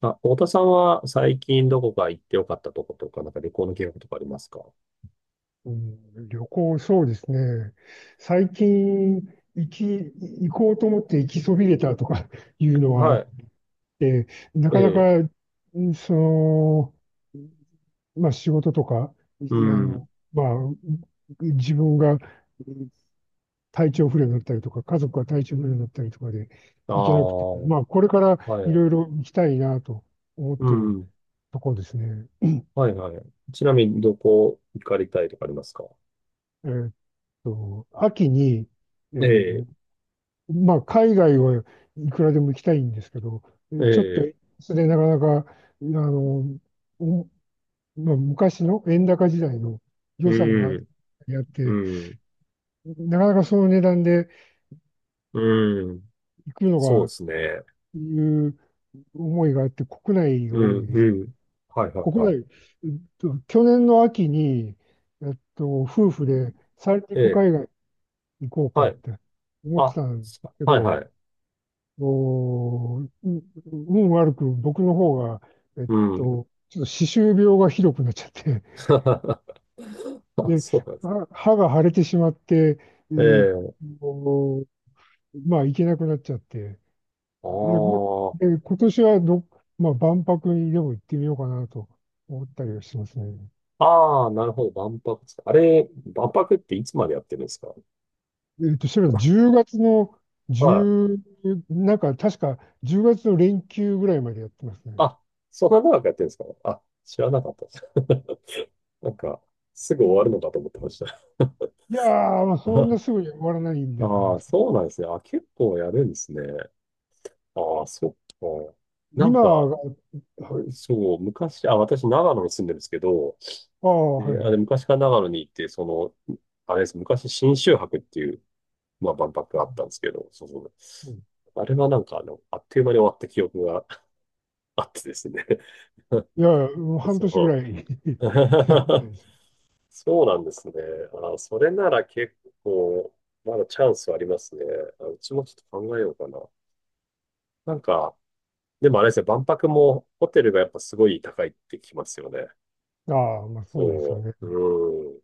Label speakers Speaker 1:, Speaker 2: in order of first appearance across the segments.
Speaker 1: あ、太田さんは最近どこか行ってよかったとことか、なんか旅行の計画とかありますか？
Speaker 2: うん、旅行、そうですね。最近、行き、行こうと思って行きそびれたとか いうのはあ
Speaker 1: は
Speaker 2: っ
Speaker 1: い。
Speaker 2: て、な
Speaker 1: え
Speaker 2: かな
Speaker 1: え。
Speaker 2: か、んその、まあ仕事とか、い
Speaker 1: う
Speaker 2: あ
Speaker 1: ん。
Speaker 2: の、まあ、自分がうん体調不良になったりとか、家族が体調不良になったりとかで
Speaker 1: ああ、
Speaker 2: 行けなくて、
Speaker 1: は
Speaker 2: まあこれからいろい
Speaker 1: い。
Speaker 2: ろ行きたいなと思っ
Speaker 1: う
Speaker 2: てる
Speaker 1: ん。
Speaker 2: ところですね。
Speaker 1: はいはい。ちなみにどこ行かれたいとかありますか？
Speaker 2: えーっ秋に、え
Speaker 1: ええ、
Speaker 2: ーまあ、海外はいくらでも行きたいんですけど、
Speaker 1: え
Speaker 2: ちょっと、
Speaker 1: え、
Speaker 2: それなかなか、の、おまあ、昔の円高時代の予
Speaker 1: う
Speaker 2: 算があっ
Speaker 1: ん、う
Speaker 2: て、
Speaker 1: ん、
Speaker 2: なかなかその値段で
Speaker 1: うん。
Speaker 2: 行くの
Speaker 1: そうで
Speaker 2: が、
Speaker 1: すね。
Speaker 2: いう思いがあって、国内が
Speaker 1: う
Speaker 2: 多い
Speaker 1: ん、
Speaker 2: です。
Speaker 1: うん。はいはい
Speaker 2: 国
Speaker 1: はい。
Speaker 2: 内、えっ去年の秋に、夫婦で三
Speaker 1: え
Speaker 2: 陸
Speaker 1: え、
Speaker 2: 海外行こうか
Speaker 1: は
Speaker 2: っ
Speaker 1: い。
Speaker 2: て思
Speaker 1: あ、
Speaker 2: ってたんですけ
Speaker 1: はい
Speaker 2: ど、
Speaker 1: はい。
Speaker 2: おー、運悪く僕の方が、えっ
Speaker 1: うん。
Speaker 2: ちょっと歯周病がひどくなっちゃって、
Speaker 1: あ、
Speaker 2: で、
Speaker 1: そうなんです。
Speaker 2: 歯が腫れてしまって、え
Speaker 1: え
Speaker 2: ーっ
Speaker 1: え、
Speaker 2: と、まあ、行けなくなっちゃって、
Speaker 1: あ
Speaker 2: で、
Speaker 1: あ。
Speaker 2: で今年はまあ、万博にでも行ってみようかなと思ったりはしますね。
Speaker 1: ああ、なるほど。万博ですか。あれ、万博っていつまでやってるんですか？
Speaker 2: それは10月の
Speaker 1: はい。
Speaker 2: 10、なんか確か10月の連休ぐらいまでやってますね。
Speaker 1: あ、そんな長くやってるんですか？あ、知らなかったです。なんか、すぐ終わるのかと思ってました。
Speaker 2: いやー、まあそん なすぐに終わらないんだと思い
Speaker 1: あ
Speaker 2: ま
Speaker 1: あ、
Speaker 2: すけど。
Speaker 1: そうなんですね。あ、結構やるんですね。ああ、そっか。なん
Speaker 2: 今、
Speaker 1: か、
Speaker 2: はい。
Speaker 1: そう、昔、あ、私、長野に住んでるんですけど、
Speaker 2: ああ、は
Speaker 1: で、
Speaker 2: い
Speaker 1: あ
Speaker 2: は
Speaker 1: れ、
Speaker 2: い。
Speaker 1: 昔から長野に行って、その、あれです、昔、信州博っていう、まあ、万博があったんですけど、そうそう。
Speaker 2: うん、
Speaker 1: あれはなんか、あっという間に終わった記憶があってですね。
Speaker 2: いやいや、もう半年ぐ
Speaker 1: そ
Speaker 2: らい やり
Speaker 1: う。
Speaker 2: たい です。
Speaker 1: そうなんですね。あ、それなら結構、まだチャンスありますね。あ、うちもちょっと考えようかな。なんか、でもあれですね、万博もホテルがやっぱすごい高いってきますよね。
Speaker 2: ああ、まあそうですよ
Speaker 1: そ
Speaker 2: ね。
Speaker 1: う。うん。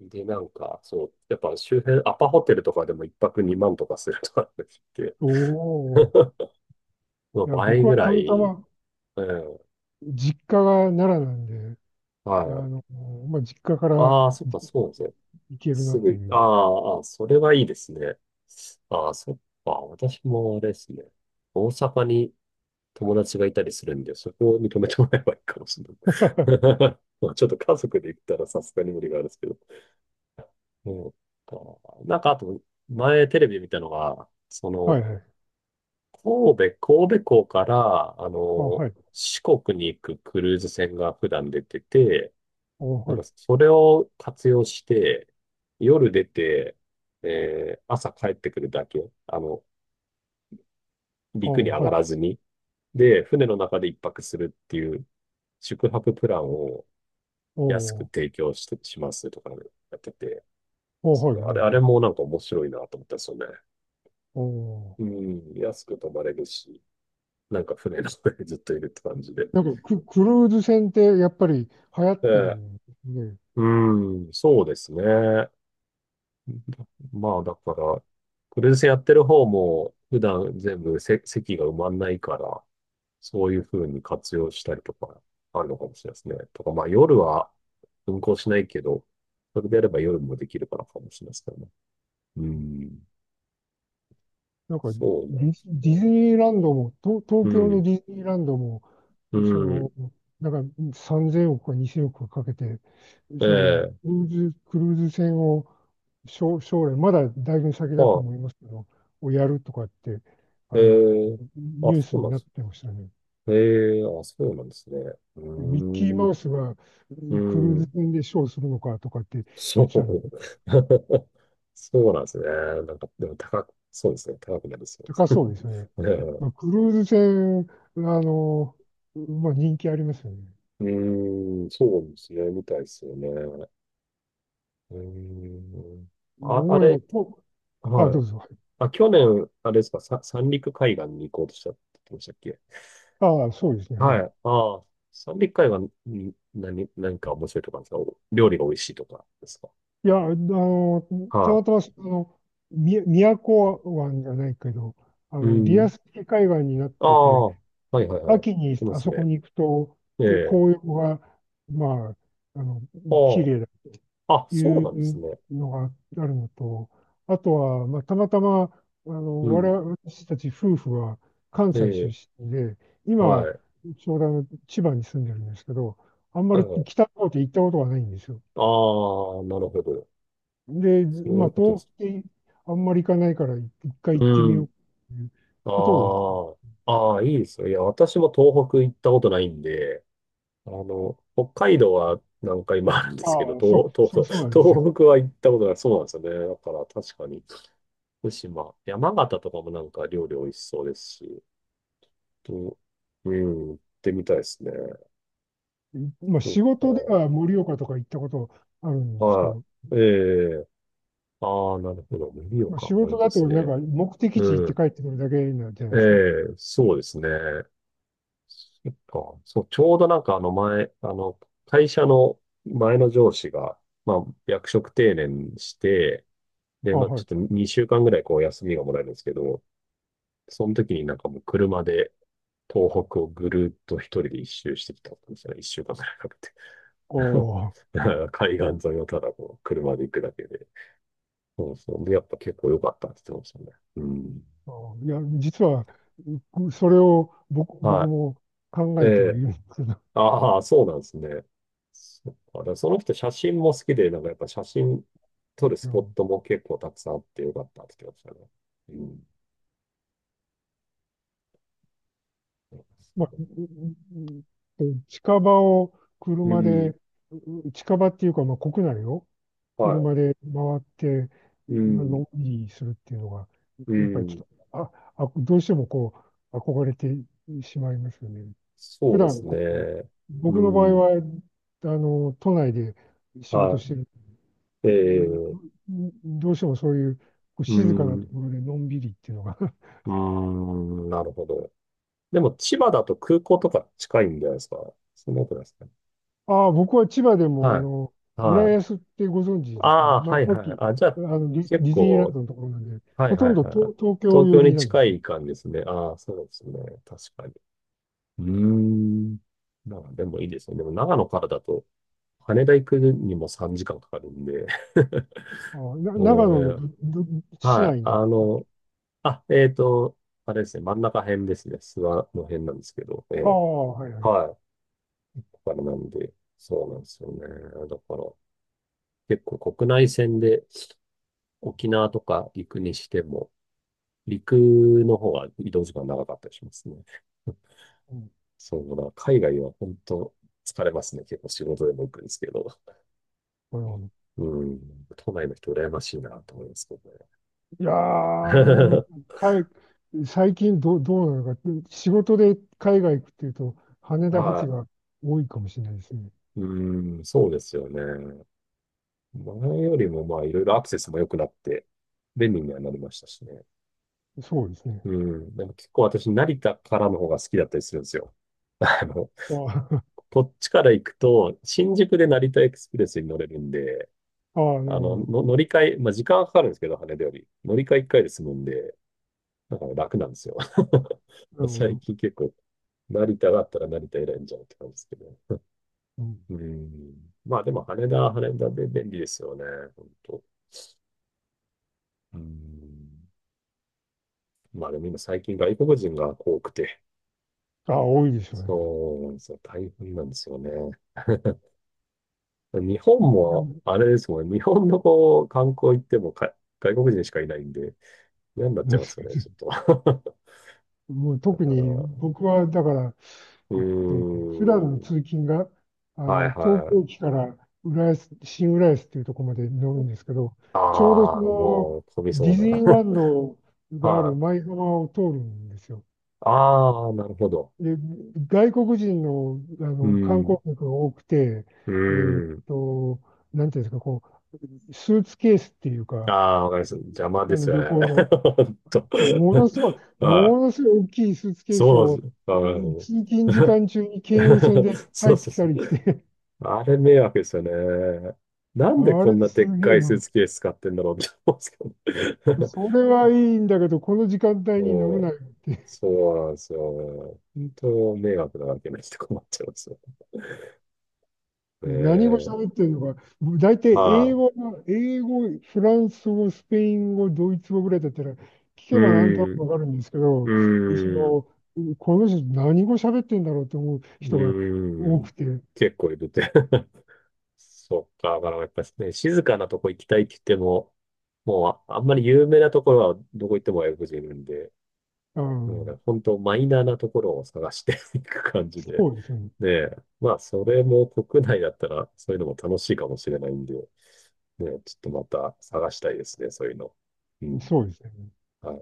Speaker 1: で、なんか、そう、やっぱ周辺、アパホテルとかでも一泊2万とかするとかって聞いて、
Speaker 2: おお。
Speaker 1: まあ
Speaker 2: いや、僕
Speaker 1: 倍
Speaker 2: は
Speaker 1: ぐ
Speaker 2: た
Speaker 1: ら
Speaker 2: また
Speaker 1: い、
Speaker 2: ま
Speaker 1: うん。
Speaker 2: 実家が奈良なんで、
Speaker 1: は
Speaker 2: あ
Speaker 1: い。
Speaker 2: の、まあ実家から
Speaker 1: ああ、そっか、そうですね。
Speaker 2: 行けるなっ
Speaker 1: す
Speaker 2: て
Speaker 1: ぐ、
Speaker 2: い
Speaker 1: あ
Speaker 2: う。
Speaker 1: あ、あ、それはいいですね。ああ、そっか。私もあれですね。大阪に友達がいたりするんで、そこを認めてもらえばいいかもしれない。まあ、ちょっと家族で行ったらさすがに無理があるんですけど。そうか。なんか、あと、前テレビ見たのが、そ
Speaker 2: はい
Speaker 1: の、
Speaker 2: はい。
Speaker 1: 神戸、神戸港から、
Speaker 2: あ、はい。
Speaker 1: 四国に行くクルーズ船が普段出てて、
Speaker 2: あ、
Speaker 1: なん
Speaker 2: はい。
Speaker 1: かそれを活用して、夜出て、朝帰ってくるだけ、あの、
Speaker 2: あ、
Speaker 1: 陸に上
Speaker 2: は
Speaker 1: が
Speaker 2: い。
Speaker 1: らずに、で、船の中で一泊するっていう宿泊プランを
Speaker 2: お
Speaker 1: 安く
Speaker 2: ー
Speaker 1: 提供して、しますとかね、やってて、
Speaker 2: おー
Speaker 1: そ
Speaker 2: はい
Speaker 1: う、あ
Speaker 2: は
Speaker 1: れ、
Speaker 2: い
Speaker 1: あ
Speaker 2: は
Speaker 1: れ
Speaker 2: い。
Speaker 1: もなんか面白いなと思ったんですよね。
Speaker 2: おお。
Speaker 1: うん、安く泊まれるし、なんか船の上でずっといるって感じで。
Speaker 2: なんかクルーズ船ってやっぱり流行っ
Speaker 1: え
Speaker 2: てる
Speaker 1: え、
Speaker 2: んで、
Speaker 1: うん、そうですね。まあ、だから、クルーズやってる方も、普段全部せ席が埋まんないから、そういう風に活用したりとか、あるのかもしれないですね。とか、まあ、夜は運行しないけど、それであれば夜もできるからかもしれないですけどね。うん。
Speaker 2: なんか
Speaker 1: そうなんです
Speaker 2: ディ
Speaker 1: ね。
Speaker 2: ズニーランドも、東
Speaker 1: う
Speaker 2: 東京の
Speaker 1: ん。
Speaker 2: ディズニーランドも、
Speaker 1: う
Speaker 2: そ
Speaker 1: ん。
Speaker 2: の、だから3000億か2000億かかけて、その
Speaker 1: ええ。
Speaker 2: クルーズ船を将来、まだだいぶ先
Speaker 1: ま
Speaker 2: だと
Speaker 1: あ、
Speaker 2: 思いますけど、をやるとかって、あ
Speaker 1: え
Speaker 2: の、
Speaker 1: え、あ、
Speaker 2: ニュー
Speaker 1: そ
Speaker 2: ス
Speaker 1: うな
Speaker 2: に
Speaker 1: んで
Speaker 2: なっ
Speaker 1: す。
Speaker 2: てましたね。
Speaker 1: ええ、あ、そうなんですね。う
Speaker 2: ミッキー
Speaker 1: ー
Speaker 2: マ
Speaker 1: ん。
Speaker 2: ウスが
Speaker 1: う
Speaker 2: クルーズ
Speaker 1: ん。
Speaker 2: 船でショーするのかとかって
Speaker 1: そ
Speaker 2: 言ってたんで、
Speaker 1: う。そうなんですね。なんか、でも高く、そうですね。高くなりそうです。
Speaker 2: 高そうですよね。まあ、クルーズ船、あの、まあ人気ありますよね。
Speaker 1: うん、うーん、そうですね。みたいですよね。うーん。あ、あ
Speaker 2: 思えば、
Speaker 1: れ、
Speaker 2: あ、
Speaker 1: は
Speaker 2: ど
Speaker 1: い。
Speaker 2: うぞ。はい。
Speaker 1: あ、去年、あれですか、さ、三陸海岸に行こうとしたって言ってましたっけ？
Speaker 2: ああ、そうですね。は
Speaker 1: はい。
Speaker 2: い。
Speaker 1: ああ、三陸海岸に何、何か面白いとかあるんですか？お料理が美味しいとかですか？
Speaker 2: いや、あの、た
Speaker 1: は
Speaker 2: またま、あの、宮古湾じゃないけど、あ
Speaker 1: い。う
Speaker 2: の、リア
Speaker 1: ん。
Speaker 2: ス式海岸になっ
Speaker 1: あ
Speaker 2: てて、
Speaker 1: あ、はいはいはい。
Speaker 2: 秋に
Speaker 1: いま
Speaker 2: あ
Speaker 1: す
Speaker 2: そこ
Speaker 1: ね。
Speaker 2: に行くと、
Speaker 1: ええ。
Speaker 2: 紅葉が、まあ、あの、綺
Speaker 1: あ
Speaker 2: 麗だ
Speaker 1: あ、あ、
Speaker 2: と
Speaker 1: そう
Speaker 2: い
Speaker 1: なんです
Speaker 2: う
Speaker 1: ね。
Speaker 2: のがあるのと、あとは、まあ、たまたま、あ
Speaker 1: う
Speaker 2: の、
Speaker 1: ん。
Speaker 2: 私たち夫婦は関
Speaker 1: え
Speaker 2: 西
Speaker 1: え、
Speaker 2: 出身で、
Speaker 1: は
Speaker 2: 今、
Speaker 1: い。
Speaker 2: ちょうどあの千葉に住んでるんですけど、あんま
Speaker 1: はい
Speaker 2: り
Speaker 1: はい。
Speaker 2: 北の方って行ったことがないんですよ。
Speaker 1: ああ、なるほど。
Speaker 2: で、
Speaker 1: そう
Speaker 2: ま
Speaker 1: い
Speaker 2: あ、
Speaker 1: うことで
Speaker 2: 東
Speaker 1: す。
Speaker 2: 北ってあんまり行かないから、一回行って
Speaker 1: う
Speaker 2: みよ
Speaker 1: ん。
Speaker 2: うという
Speaker 1: あ
Speaker 2: ことを言って、
Speaker 1: あ、ああ、いいですよ。いや、私も東北行ったことないんで、北海道は何回もあるんですけど、
Speaker 2: ああ、そう、
Speaker 1: 東、東、
Speaker 2: そ
Speaker 1: そ
Speaker 2: う、そうなんです
Speaker 1: う
Speaker 2: よ。
Speaker 1: 東北は行ったことない。そうなんですよね。だから確かに、福島、山形とかもなんか料理美味しそうですし、と、うん、行ってみたいですね。
Speaker 2: まあ、
Speaker 1: そう
Speaker 2: 仕事では盛岡とか行ったことある
Speaker 1: か。
Speaker 2: んですけ
Speaker 1: は
Speaker 2: ど、
Speaker 1: い。ええ、ああ、なるほど。盛
Speaker 2: まあ、
Speaker 1: 岡
Speaker 2: 仕
Speaker 1: もいい
Speaker 2: 事
Speaker 1: で
Speaker 2: だと
Speaker 1: すね。
Speaker 2: なんか目的地行っ
Speaker 1: う
Speaker 2: て
Speaker 1: ん。
Speaker 2: 帰ってくるだけなんじゃな
Speaker 1: え
Speaker 2: いですか。
Speaker 1: え、そうですね。そっか。そう、ちょうどなんかあの前、会社の前の上司が、まあ、役職定年して、で、
Speaker 2: あ、
Speaker 1: まあ、
Speaker 2: は
Speaker 1: ちょっ
Speaker 2: い。
Speaker 1: と2週間ぐらいこう休みがもらえるんですけど、その時になんかもう車で東北をぐるっと一人で一周してきたんですよね。一週間ぐらいかけて。
Speaker 2: おあ
Speaker 1: だから海岸沿いをただこう車で行くだけで。そうそう。で、やっぱ結構良かったって言ってましたね。うん。
Speaker 2: あいや、実は、それを僕
Speaker 1: は
Speaker 2: も考
Speaker 1: い。え
Speaker 2: えてはい
Speaker 1: え、
Speaker 2: るんですけど、
Speaker 1: ああ、そうなんですね。そっか。だからその人写真も好きで、なんかやっぱ写真撮るス
Speaker 2: う
Speaker 1: ポッ
Speaker 2: ん
Speaker 1: トも結構たくさんあってよかったって言ってましたね。うん。
Speaker 2: まあ、ううう近場を
Speaker 1: う
Speaker 2: 車
Speaker 1: ん。
Speaker 2: で、近場っていうか、まあ、国内を、
Speaker 1: は
Speaker 2: 車で回って、
Speaker 1: い。う
Speaker 2: の
Speaker 1: ん。
Speaker 2: んびりするっていうのが、
Speaker 1: う
Speaker 2: やっぱりち
Speaker 1: ん。
Speaker 2: ょっと、どうしてもこう、憧れてしまいますよね。
Speaker 1: そ
Speaker 2: 普
Speaker 1: うで
Speaker 2: 段
Speaker 1: す
Speaker 2: こう、
Speaker 1: ね。う
Speaker 2: 僕の場合
Speaker 1: ん。
Speaker 2: は、あの、都内で仕事
Speaker 1: は
Speaker 2: してる、うん
Speaker 1: い。ええ、
Speaker 2: どうしてもそういう、こう
Speaker 1: う
Speaker 2: 静かなと
Speaker 1: ん。
Speaker 2: ころでのんびりっていうのが。
Speaker 1: うん。なるほど。でも、千葉だと空港とか近いんじゃないですか？そんなことないですかね。
Speaker 2: ああ、僕は千葉でも、あ
Speaker 1: は
Speaker 2: の、
Speaker 1: い。は
Speaker 2: 浦
Speaker 1: い。
Speaker 2: 安ってご存知ですかね。
Speaker 1: ああ、
Speaker 2: ま
Speaker 1: は
Speaker 2: あ、
Speaker 1: い
Speaker 2: さっ
Speaker 1: はい。
Speaker 2: き、
Speaker 1: あ、じゃ
Speaker 2: あ
Speaker 1: あ、
Speaker 2: の、
Speaker 1: 結
Speaker 2: ディズニーラン
Speaker 1: 構
Speaker 2: ドのところなんで、
Speaker 1: はい
Speaker 2: ほと
Speaker 1: はい
Speaker 2: ん
Speaker 1: は
Speaker 2: ど
Speaker 1: いはい。
Speaker 2: 東京
Speaker 1: 東
Speaker 2: 寄
Speaker 1: 京
Speaker 2: り
Speaker 1: に
Speaker 2: なんで
Speaker 1: 近
Speaker 2: すよ。
Speaker 1: い感じですね。ああ、そうですね。確かに。うーん。まあ、でもいいですね。でも長野からだと、羽田行くにも3時間かんかかるんで。
Speaker 2: ああ、長
Speaker 1: もう
Speaker 2: 野の
Speaker 1: ね、
Speaker 2: 市
Speaker 1: はい。
Speaker 2: 内なんで
Speaker 1: あ
Speaker 2: すか？
Speaker 1: の、あ、あれですね。真ん中辺ですね。諏訪の辺なんですけど。え
Speaker 2: あ
Speaker 1: え。
Speaker 2: あ、はいはい。
Speaker 1: はい。だからなんで、そうなんですよね。だから、結構国内線で沖縄とか行くにしても、陸の方が移動時間長かったりしますね。
Speaker 2: うん、
Speaker 1: そうだ、海外は本当疲れますね。結構仕事でも行くんですけど。
Speaker 2: なるほど。
Speaker 1: うん、都内の人羨ましいなと思いますけどね。
Speaker 2: いやー、うん はい。最近どうなのか、仕事で海外行くっていうと、羽田発
Speaker 1: は
Speaker 2: が多いかもしれないですね。
Speaker 1: い。うん、そうですよね。前よりもまあいろいろアクセスも良くなって便利にはなりましたしね。
Speaker 2: そうですね。
Speaker 1: うん、でも結構私成田からの方が好きだったりするんですよ。あの、
Speaker 2: あー
Speaker 1: こっちから行くと新宿で成田エクスプレスに乗れるんで、
Speaker 2: あー、あなる
Speaker 1: あ
Speaker 2: ほ
Speaker 1: の、
Speaker 2: ど。
Speaker 1: の乗り換え、まあ時間はかかるんですけど、羽田より。乗り換え1回で済むんで、だから楽なんですよ。
Speaker 2: なるほ
Speaker 1: 最
Speaker 2: ど。
Speaker 1: 近結構、成田があったら成田選んじゃうって感じですけど。
Speaker 2: うん、
Speaker 1: うん。まあでも羽田は羽田で便利ですよね。本当。うん。まあでも今最近外国人が多くて、
Speaker 2: ああ、多いでしょうね。
Speaker 1: そうなんですよ。大変なんですよね。日本
Speaker 2: いや
Speaker 1: も、
Speaker 2: も
Speaker 1: あれですもんね。日本のこう、観光行ってもか外国人しかいないんで、嫌になっち
Speaker 2: う
Speaker 1: ゃいますよね、ちょっと。
Speaker 2: もう
Speaker 1: だ
Speaker 2: 特
Speaker 1: から、
Speaker 2: に
Speaker 1: う
Speaker 2: 僕はだから、
Speaker 1: ー
Speaker 2: えっと、普段の
Speaker 1: ん。
Speaker 2: 通勤が、あ
Speaker 1: は
Speaker 2: の、
Speaker 1: い
Speaker 2: 東
Speaker 1: はい。
Speaker 2: 京駅から浦安、新浦安っていうところまで乗るんですけど、ちょうどそ
Speaker 1: ああ、も
Speaker 2: の、
Speaker 1: う飛び
Speaker 2: デ
Speaker 1: そう
Speaker 2: ィ
Speaker 1: な。
Speaker 2: ズニーランド がある
Speaker 1: はい。
Speaker 2: 舞浜を通るんですよ。
Speaker 1: ああ、なるほど。
Speaker 2: で、外国人の、あ
Speaker 1: う
Speaker 2: の観光
Speaker 1: ん。
Speaker 2: 客が多くて、
Speaker 1: う
Speaker 2: えーっ
Speaker 1: ん。
Speaker 2: と、なんていうんですか、こう、スーツケースっていう
Speaker 1: あ
Speaker 2: か、
Speaker 1: あ、わかります。邪魔
Speaker 2: あ
Speaker 1: で
Speaker 2: の
Speaker 1: す
Speaker 2: 旅
Speaker 1: よね。
Speaker 2: 行の、
Speaker 1: ほんと
Speaker 2: ものすごい、
Speaker 1: は
Speaker 2: もの
Speaker 1: い。
Speaker 2: すごい大きいスーツケース
Speaker 1: そうで
Speaker 2: を、
Speaker 1: す。あ
Speaker 2: うん
Speaker 1: ー
Speaker 2: 通勤時間中に京葉線で
Speaker 1: そ
Speaker 2: 入
Speaker 1: うそ
Speaker 2: っ
Speaker 1: う
Speaker 2: て
Speaker 1: そ
Speaker 2: きたり
Speaker 1: う。
Speaker 2: して
Speaker 1: あれ迷惑ですよね。なんで
Speaker 2: あ
Speaker 1: こん
Speaker 2: れ
Speaker 1: な
Speaker 2: す
Speaker 1: でっ
Speaker 2: げえ
Speaker 1: かいスー
Speaker 2: な。
Speaker 1: ツケース使ってんだろうって思うんですけど。
Speaker 2: それはいいんだけど、この時間 帯に乗
Speaker 1: も
Speaker 2: るな
Speaker 1: う、
Speaker 2: よって。
Speaker 1: そうなんですよ。本当迷惑なわけないと困っちゃいますよ。え
Speaker 2: で何語
Speaker 1: え、
Speaker 2: 喋ってるのか。大体
Speaker 1: ま
Speaker 2: 英
Speaker 1: あ、
Speaker 2: 語が、フランス語、スペイン語、ドイツ語ぐらいだったら、聞
Speaker 1: う
Speaker 2: けばなんとなくわ
Speaker 1: ん。
Speaker 2: かるんですけど、そ
Speaker 1: うん。
Speaker 2: の、この人何語喋ってんだろうと思う
Speaker 1: う
Speaker 2: 人が
Speaker 1: ー
Speaker 2: 多
Speaker 1: ん。
Speaker 2: くて、
Speaker 1: 結構いるって。そっか。だからやっぱりね、静かなとこ行きたいって言っても、もう、あ、あんまり有名なところはどこ行っても外国人いるんで、
Speaker 2: あ
Speaker 1: なので、
Speaker 2: の、
Speaker 1: 本当マイナーなところを探して いく感じで。
Speaker 2: そうですね。
Speaker 1: で、まあ、それも国内だったら、そういうのも楽しいかもしれないんで、ねえ、ちょっとまた探したいですね、そういうの。うん。
Speaker 2: そうですね。
Speaker 1: はい